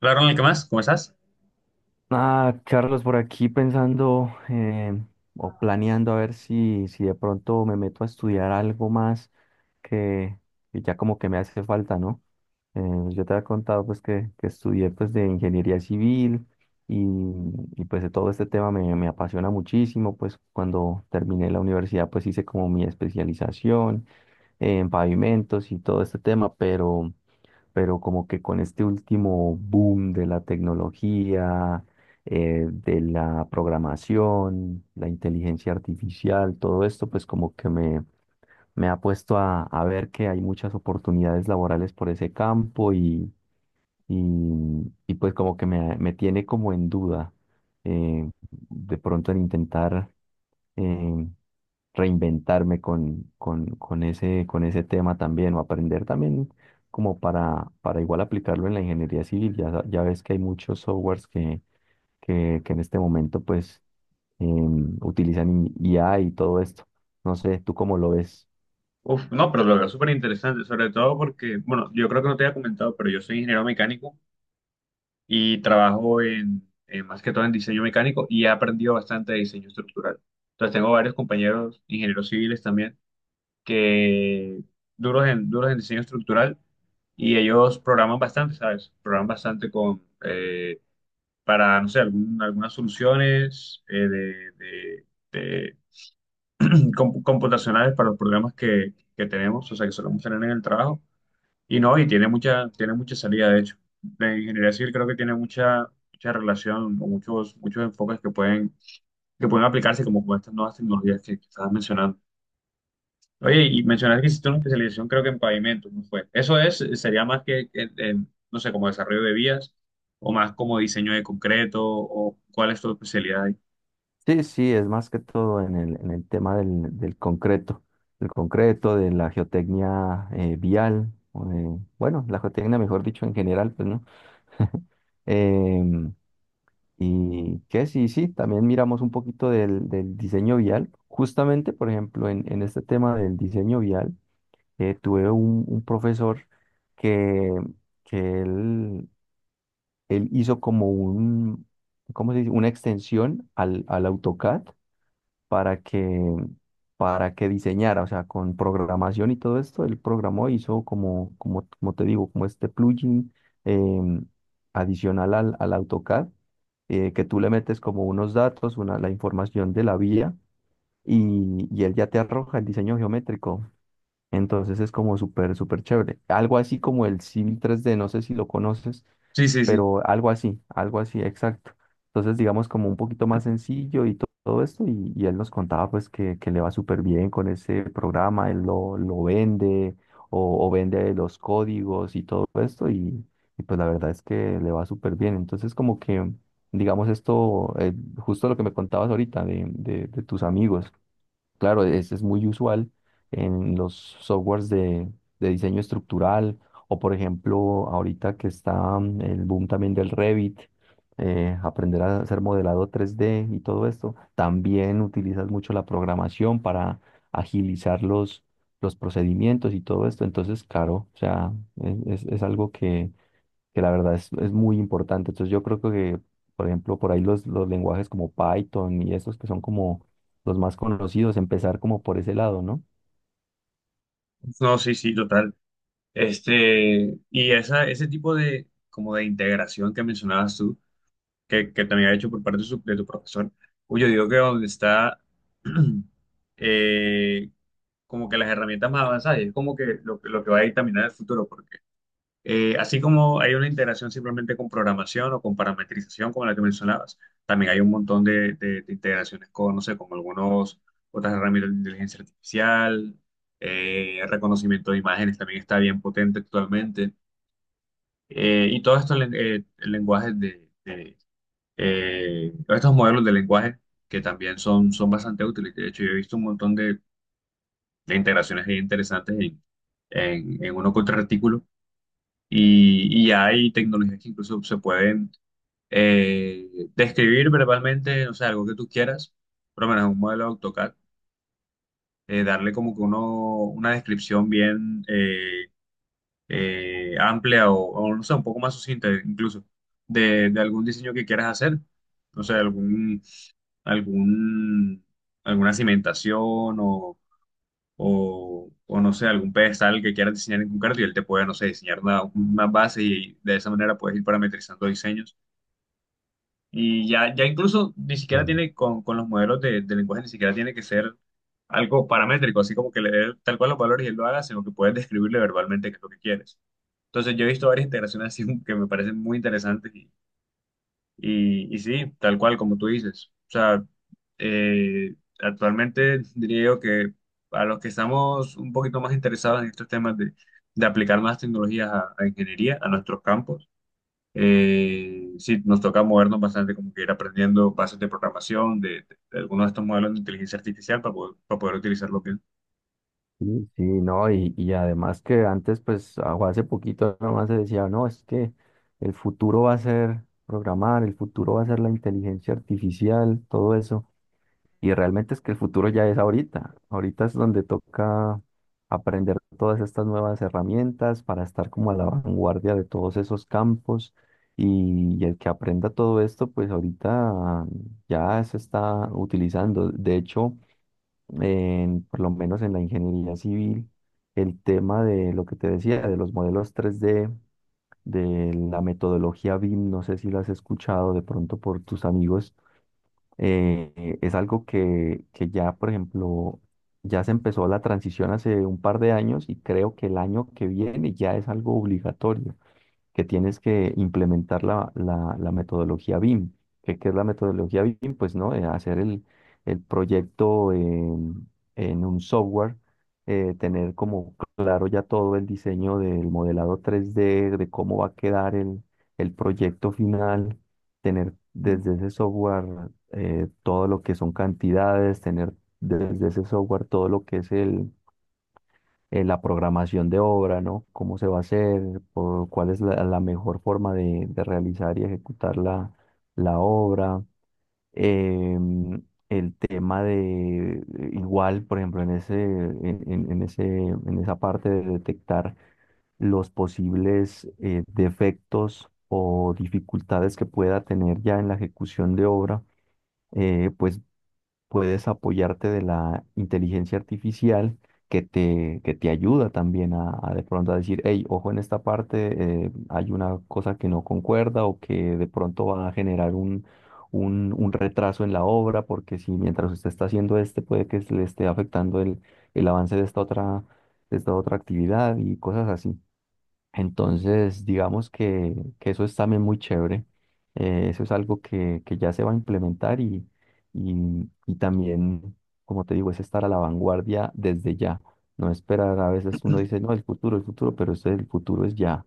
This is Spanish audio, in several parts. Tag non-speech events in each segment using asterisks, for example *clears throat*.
Hola, Ronald, ¿qué más? ¿Cómo estás? Ah, Carlos, por aquí pensando o planeando a ver si de pronto me meto a estudiar algo más que, que ya como que me hace falta, ¿no? Eh, yo te había contado pues que estudié pues de ingeniería civil y, y, pues de todo este tema me apasiona muchísimo, pues cuando terminé la universidad pues hice como mi especialización en pavimentos y todo este tema, pero como que con este último boom de la tecnología, de la programación, la inteligencia artificial, todo esto, pues como que me ha puesto a ver que hay muchas oportunidades laborales por ese campo y pues como que me tiene como en duda de pronto en intentar eh, reinventarme con ese tema también o aprender también como para igual aplicarlo en la ingeniería civil. Ya, ya ves que hay muchos softwares que en este momento pues utilizan IA y todo esto. No sé, ¿tú cómo lo ves? Uf, no, pero lo veo súper interesante, sobre todo porque, bueno, yo creo que no te había comentado, pero yo soy ingeniero mecánico y trabajo en más que todo en diseño mecánico y he aprendido bastante de diseño estructural. Entonces tengo varios compañeros ingenieros civiles también que duros en diseño estructural y ellos programan bastante, ¿sabes? Programan bastante para, no sé, algunas soluciones de computacionales para los problemas que tenemos, o sea, que solemos tener en el trabajo. Y no, y tiene mucha salida, de hecho. La ingeniería civil creo que tiene mucha, mucha relación o muchos, muchos enfoques que pueden aplicarse como con estas nuevas tecnologías que estabas mencionando. Oye, y mencionaste que hiciste una especialización creo que en pavimentos, ¿no fue? Eso es, sería más que en, no sé, como desarrollo de vías o más como diseño de concreto o cuál es tu especialidad ahí. Sí, sí, es más que todo en en el tema del concreto, el concreto, de la geotecnia vial, bueno, la geotecnia, mejor dicho, en general, pues, ¿no? Em, y que sí, sí, también miramos un poquito del diseño vial. Justamente, por ejemplo, en este tema del diseño vial, tuve un profesor que, que él hizo como ¿cómo se dice? Una extensión al AutoCAD para que, para que diseñara, o sea, con programación y todo esto, él programó, hizo como te digo, como este plugin em, adicional al AutoCAD, que tú le metes como unos datos, la información de la vía y él ya te arroja el diseño geométrico. Entonces es como súper chévere. Algo así como el Civil 3D, no sé si lo conoces, Sí, sí, sí. pero algo así, exacto. Entonces digamos como un poquito más sencillo y todo esto, y él nos contaba pues que le va súper bien con ese programa, él lo vende o vende los códigos y todo esto, y pues la verdad es que le va súper bien. Entonces como que, digamos esto, justo lo que me contabas ahorita de, de tus amigos. Claro, es muy usual en los softwares de diseño estructural o, por ejemplo, ahorita que está el boom también del Revit, aprender a hacer modelado 3D y todo esto, también utilizas mucho la programación para agilizar los procedimientos y todo esto. Entonces, claro, o sea, es algo que la verdad es muy importante. Entonces yo creo que, por ejemplo, por ahí los lenguajes como Python y estos que son como los más conocidos, empezar como por ese lado, ¿no? No, sí, sí, total. Este, y esa, ese tipo de, como de integración que mencionabas tú, que también ha hecho por parte de, de tu profesor, uy, yo digo que donde está *clears throat* eh, como que las herramientas más avanzadas, y es como que lo que va a dictaminar el futuro, porque así como hay una integración simplemente con programación o con parametrización, como la que mencionabas, también hay un montón de, de integraciones con, no sé, con algunos, otras herramientas de inteligencia artificial, reconocimiento de imágenes también está bien potente actualmente. Y todos estos lenguajes todos estos modelos de lenguaje que también son, son bastante útiles. De hecho, yo he visto un montón de integraciones ahí interesantes en uno que otro artículo. Y hay tecnologías que incluso se pueden eh, describir verbalmente, no sé, algo que tú quieras, por lo menos un modelo de AutoCAD, darle como que uno, una descripción bien. Amplia o, no sé, un poco más sucinta incluso de algún diseño que quieras hacer. No sé, algún, alguna cimentación o no sé, algún pedestal que quieras diseñar en concreto y él te puede, no sé, diseñar una base y de esa manera puedes ir parametrizando diseños. Y ya, ya incluso ni siquiera Sí. tiene, con los modelos de lenguaje, ni siquiera tiene que ser algo paramétrico, así como que leer tal cual los valores y él lo haga, sino que puedes describirle verbalmente qué es lo que quieres. Entonces yo he visto varias integraciones así *laughs* que me parecen muy interesantes y sí, tal cual como tú dices. O sea, actualmente diría yo que a los que estamos un poquito más interesados en estos temas de aplicar más tecnologías a ingeniería, a nuestros campos, sí, nos toca movernos bastante como que ir aprendiendo bases de programación, de algunos de estos modelos de inteligencia artificial para poder utilizarlo bien. Sí, sí, no, y además que antes, pues, o hace poquito nomás se decía, no, es que el futuro va a ser programar, el futuro va a ser la inteligencia artificial, todo eso. Y realmente es que el futuro ya es ahorita. Ahorita es donde toca aprender todas estas nuevas herramientas para estar como a la vanguardia de todos esos campos. Y el que aprenda todo esto, pues ahorita ya se está utilizando. De hecho, por lo menos en la ingeniería civil, el tema de lo que te decía, de los modelos 3D, de la metodología BIM, no sé si lo has escuchado de pronto por tus amigos. Es algo que ya, por ejemplo, ya se empezó la transición hace un par de años y creo que el año que viene ya es algo obligatorio que tienes que implementar la metodología BIM. ¿Qué, qué es la metodología BIM? Pues no. Hacer el proyecto en un software, tener como claro ya todo el diseño del modelado 3D, de cómo va a quedar el proyecto final, tener desde ese software todo lo que son cantidades, tener desde ese software todo lo que es la programación de obra, ¿no? Cómo se va a hacer, por cuál es la mejor forma de realizar y ejecutar la obra. Em, el tema de, igual, por ejemplo, en ese, en esa parte de detectar los posibles defectos o dificultades que pueda tener ya en la ejecución de obra, pues puedes apoyarte de la inteligencia artificial que te ayuda también a de pronto a decir, hey, ojo en esta parte, hay una cosa que no concuerda o que de pronto va a generar un retraso en la obra, porque si mientras usted está haciendo este, puede que se le esté afectando el avance de esta otra actividad y cosas así. Entonces, digamos que eso es también muy chévere. Eso es algo que ya se va a implementar y, y también, como te digo, es estar a la vanguardia desde ya. No esperar, a veces uno dice, no, el futuro, pero este, el futuro es ya.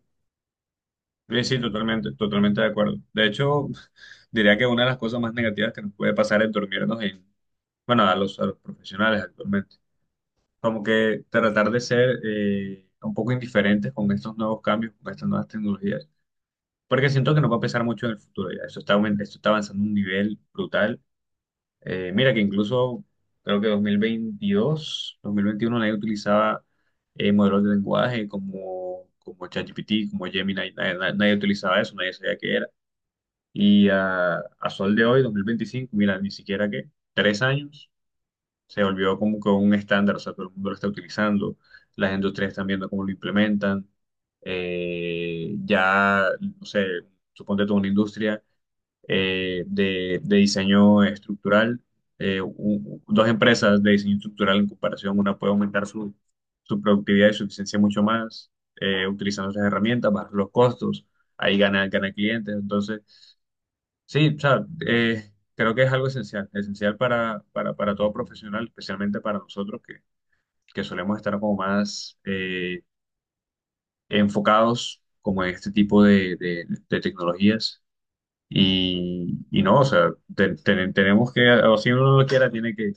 Sí, sí, totalmente, totalmente de acuerdo. De hecho, *laughs* diría que una de las cosas más negativas que nos puede pasar es dormirnos en, bueno, a los profesionales actualmente. Como que tratar de ser un poco indiferentes con estos nuevos cambios, con estas nuevas tecnologías. Porque siento que nos va a pesar mucho en el futuro ya. Eso está, esto está avanzando a un nivel brutal. Mira que incluso creo que dos mil veintidós, 2021 nadie utilizaba modelos de lenguaje como, como ChatGPT, como Gemini. Nadie utilizaba eso, nadie sabía qué era. Y a sol de hoy, 2025 mira, ni siquiera que 3 años se volvió como que un estándar, o sea, todo el mundo lo está utilizando, las industrias están viendo cómo lo implementan, ya, no sé, suponte tú una industria de diseño estructural, dos empresas de diseño estructural en comparación, una puede aumentar su productividad y su eficiencia mucho más, utilizando esas herramientas, bajar los costos, ahí gana, gana clientes, entonces... Sí, o sea, creo que es algo esencial, esencial para todo profesional, especialmente para nosotros que solemos estar como más enfocados como en este tipo de, de tecnologías. Y no, o sea, tenemos que, o si uno no lo quiera, tiene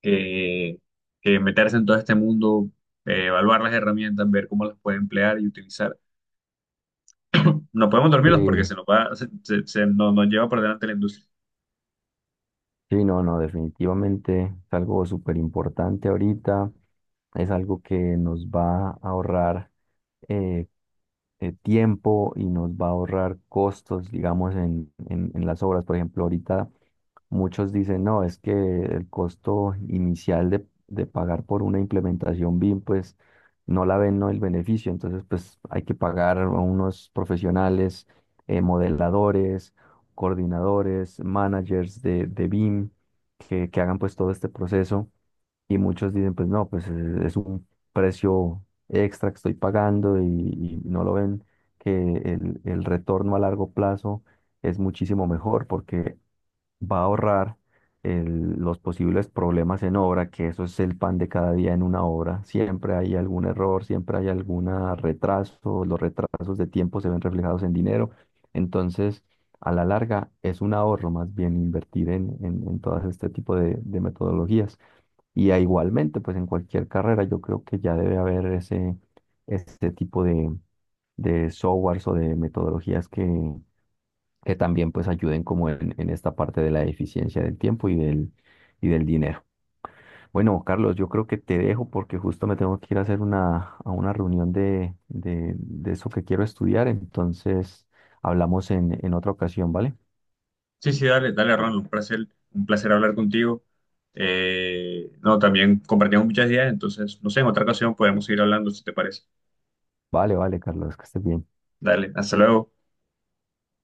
que, que meterse en todo este mundo, evaluar las herramientas, ver cómo las puede emplear y utilizar. No podemos dormirnos porque Eh, se nos va, se nos lleva por delante la industria. sí, no, no, definitivamente es algo súper importante ahorita. Es algo que nos va a ahorrar eh, tiempo y nos va a ahorrar costos, digamos, en las obras. Por ejemplo, ahorita muchos dicen, no, es que el costo inicial de pagar por una implementación BIM, pues no la ven, no el beneficio. Entonces, pues hay que pagar a unos profesionales, modeladores, coordinadores, managers de BIM, que hagan pues todo este proceso. Y muchos dicen, pues no, pues es un precio extra que estoy pagando y no lo ven que el retorno a largo plazo es muchísimo mejor porque va a ahorrar los posibles problemas en obra, que eso es el pan de cada día en una obra. Siempre hay algún error, siempre hay algún retraso, los retrasos de tiempo se ven reflejados en dinero. Entonces, a la larga es un ahorro más bien invertir en todas este tipo de metodologías. Y a igualmente, pues en cualquier carrera yo creo que ya debe haber ese tipo de softwares o de metodologías que también pues ayuden como en esta parte de la eficiencia del tiempo y del dinero. Bueno, Carlos, yo creo que te dejo porque justo me tengo que ir a hacer una, a una reunión de eso que quiero estudiar, entonces hablamos en otra ocasión, ¿vale? Sí, sí, dale, dale, Ron, un placer hablar contigo. No, también compartimos muchas ideas, entonces, no sé, en otra ocasión podemos seguir hablando, si te parece. Vale, vale, Carlos, que estés bien. Dale, hasta luego.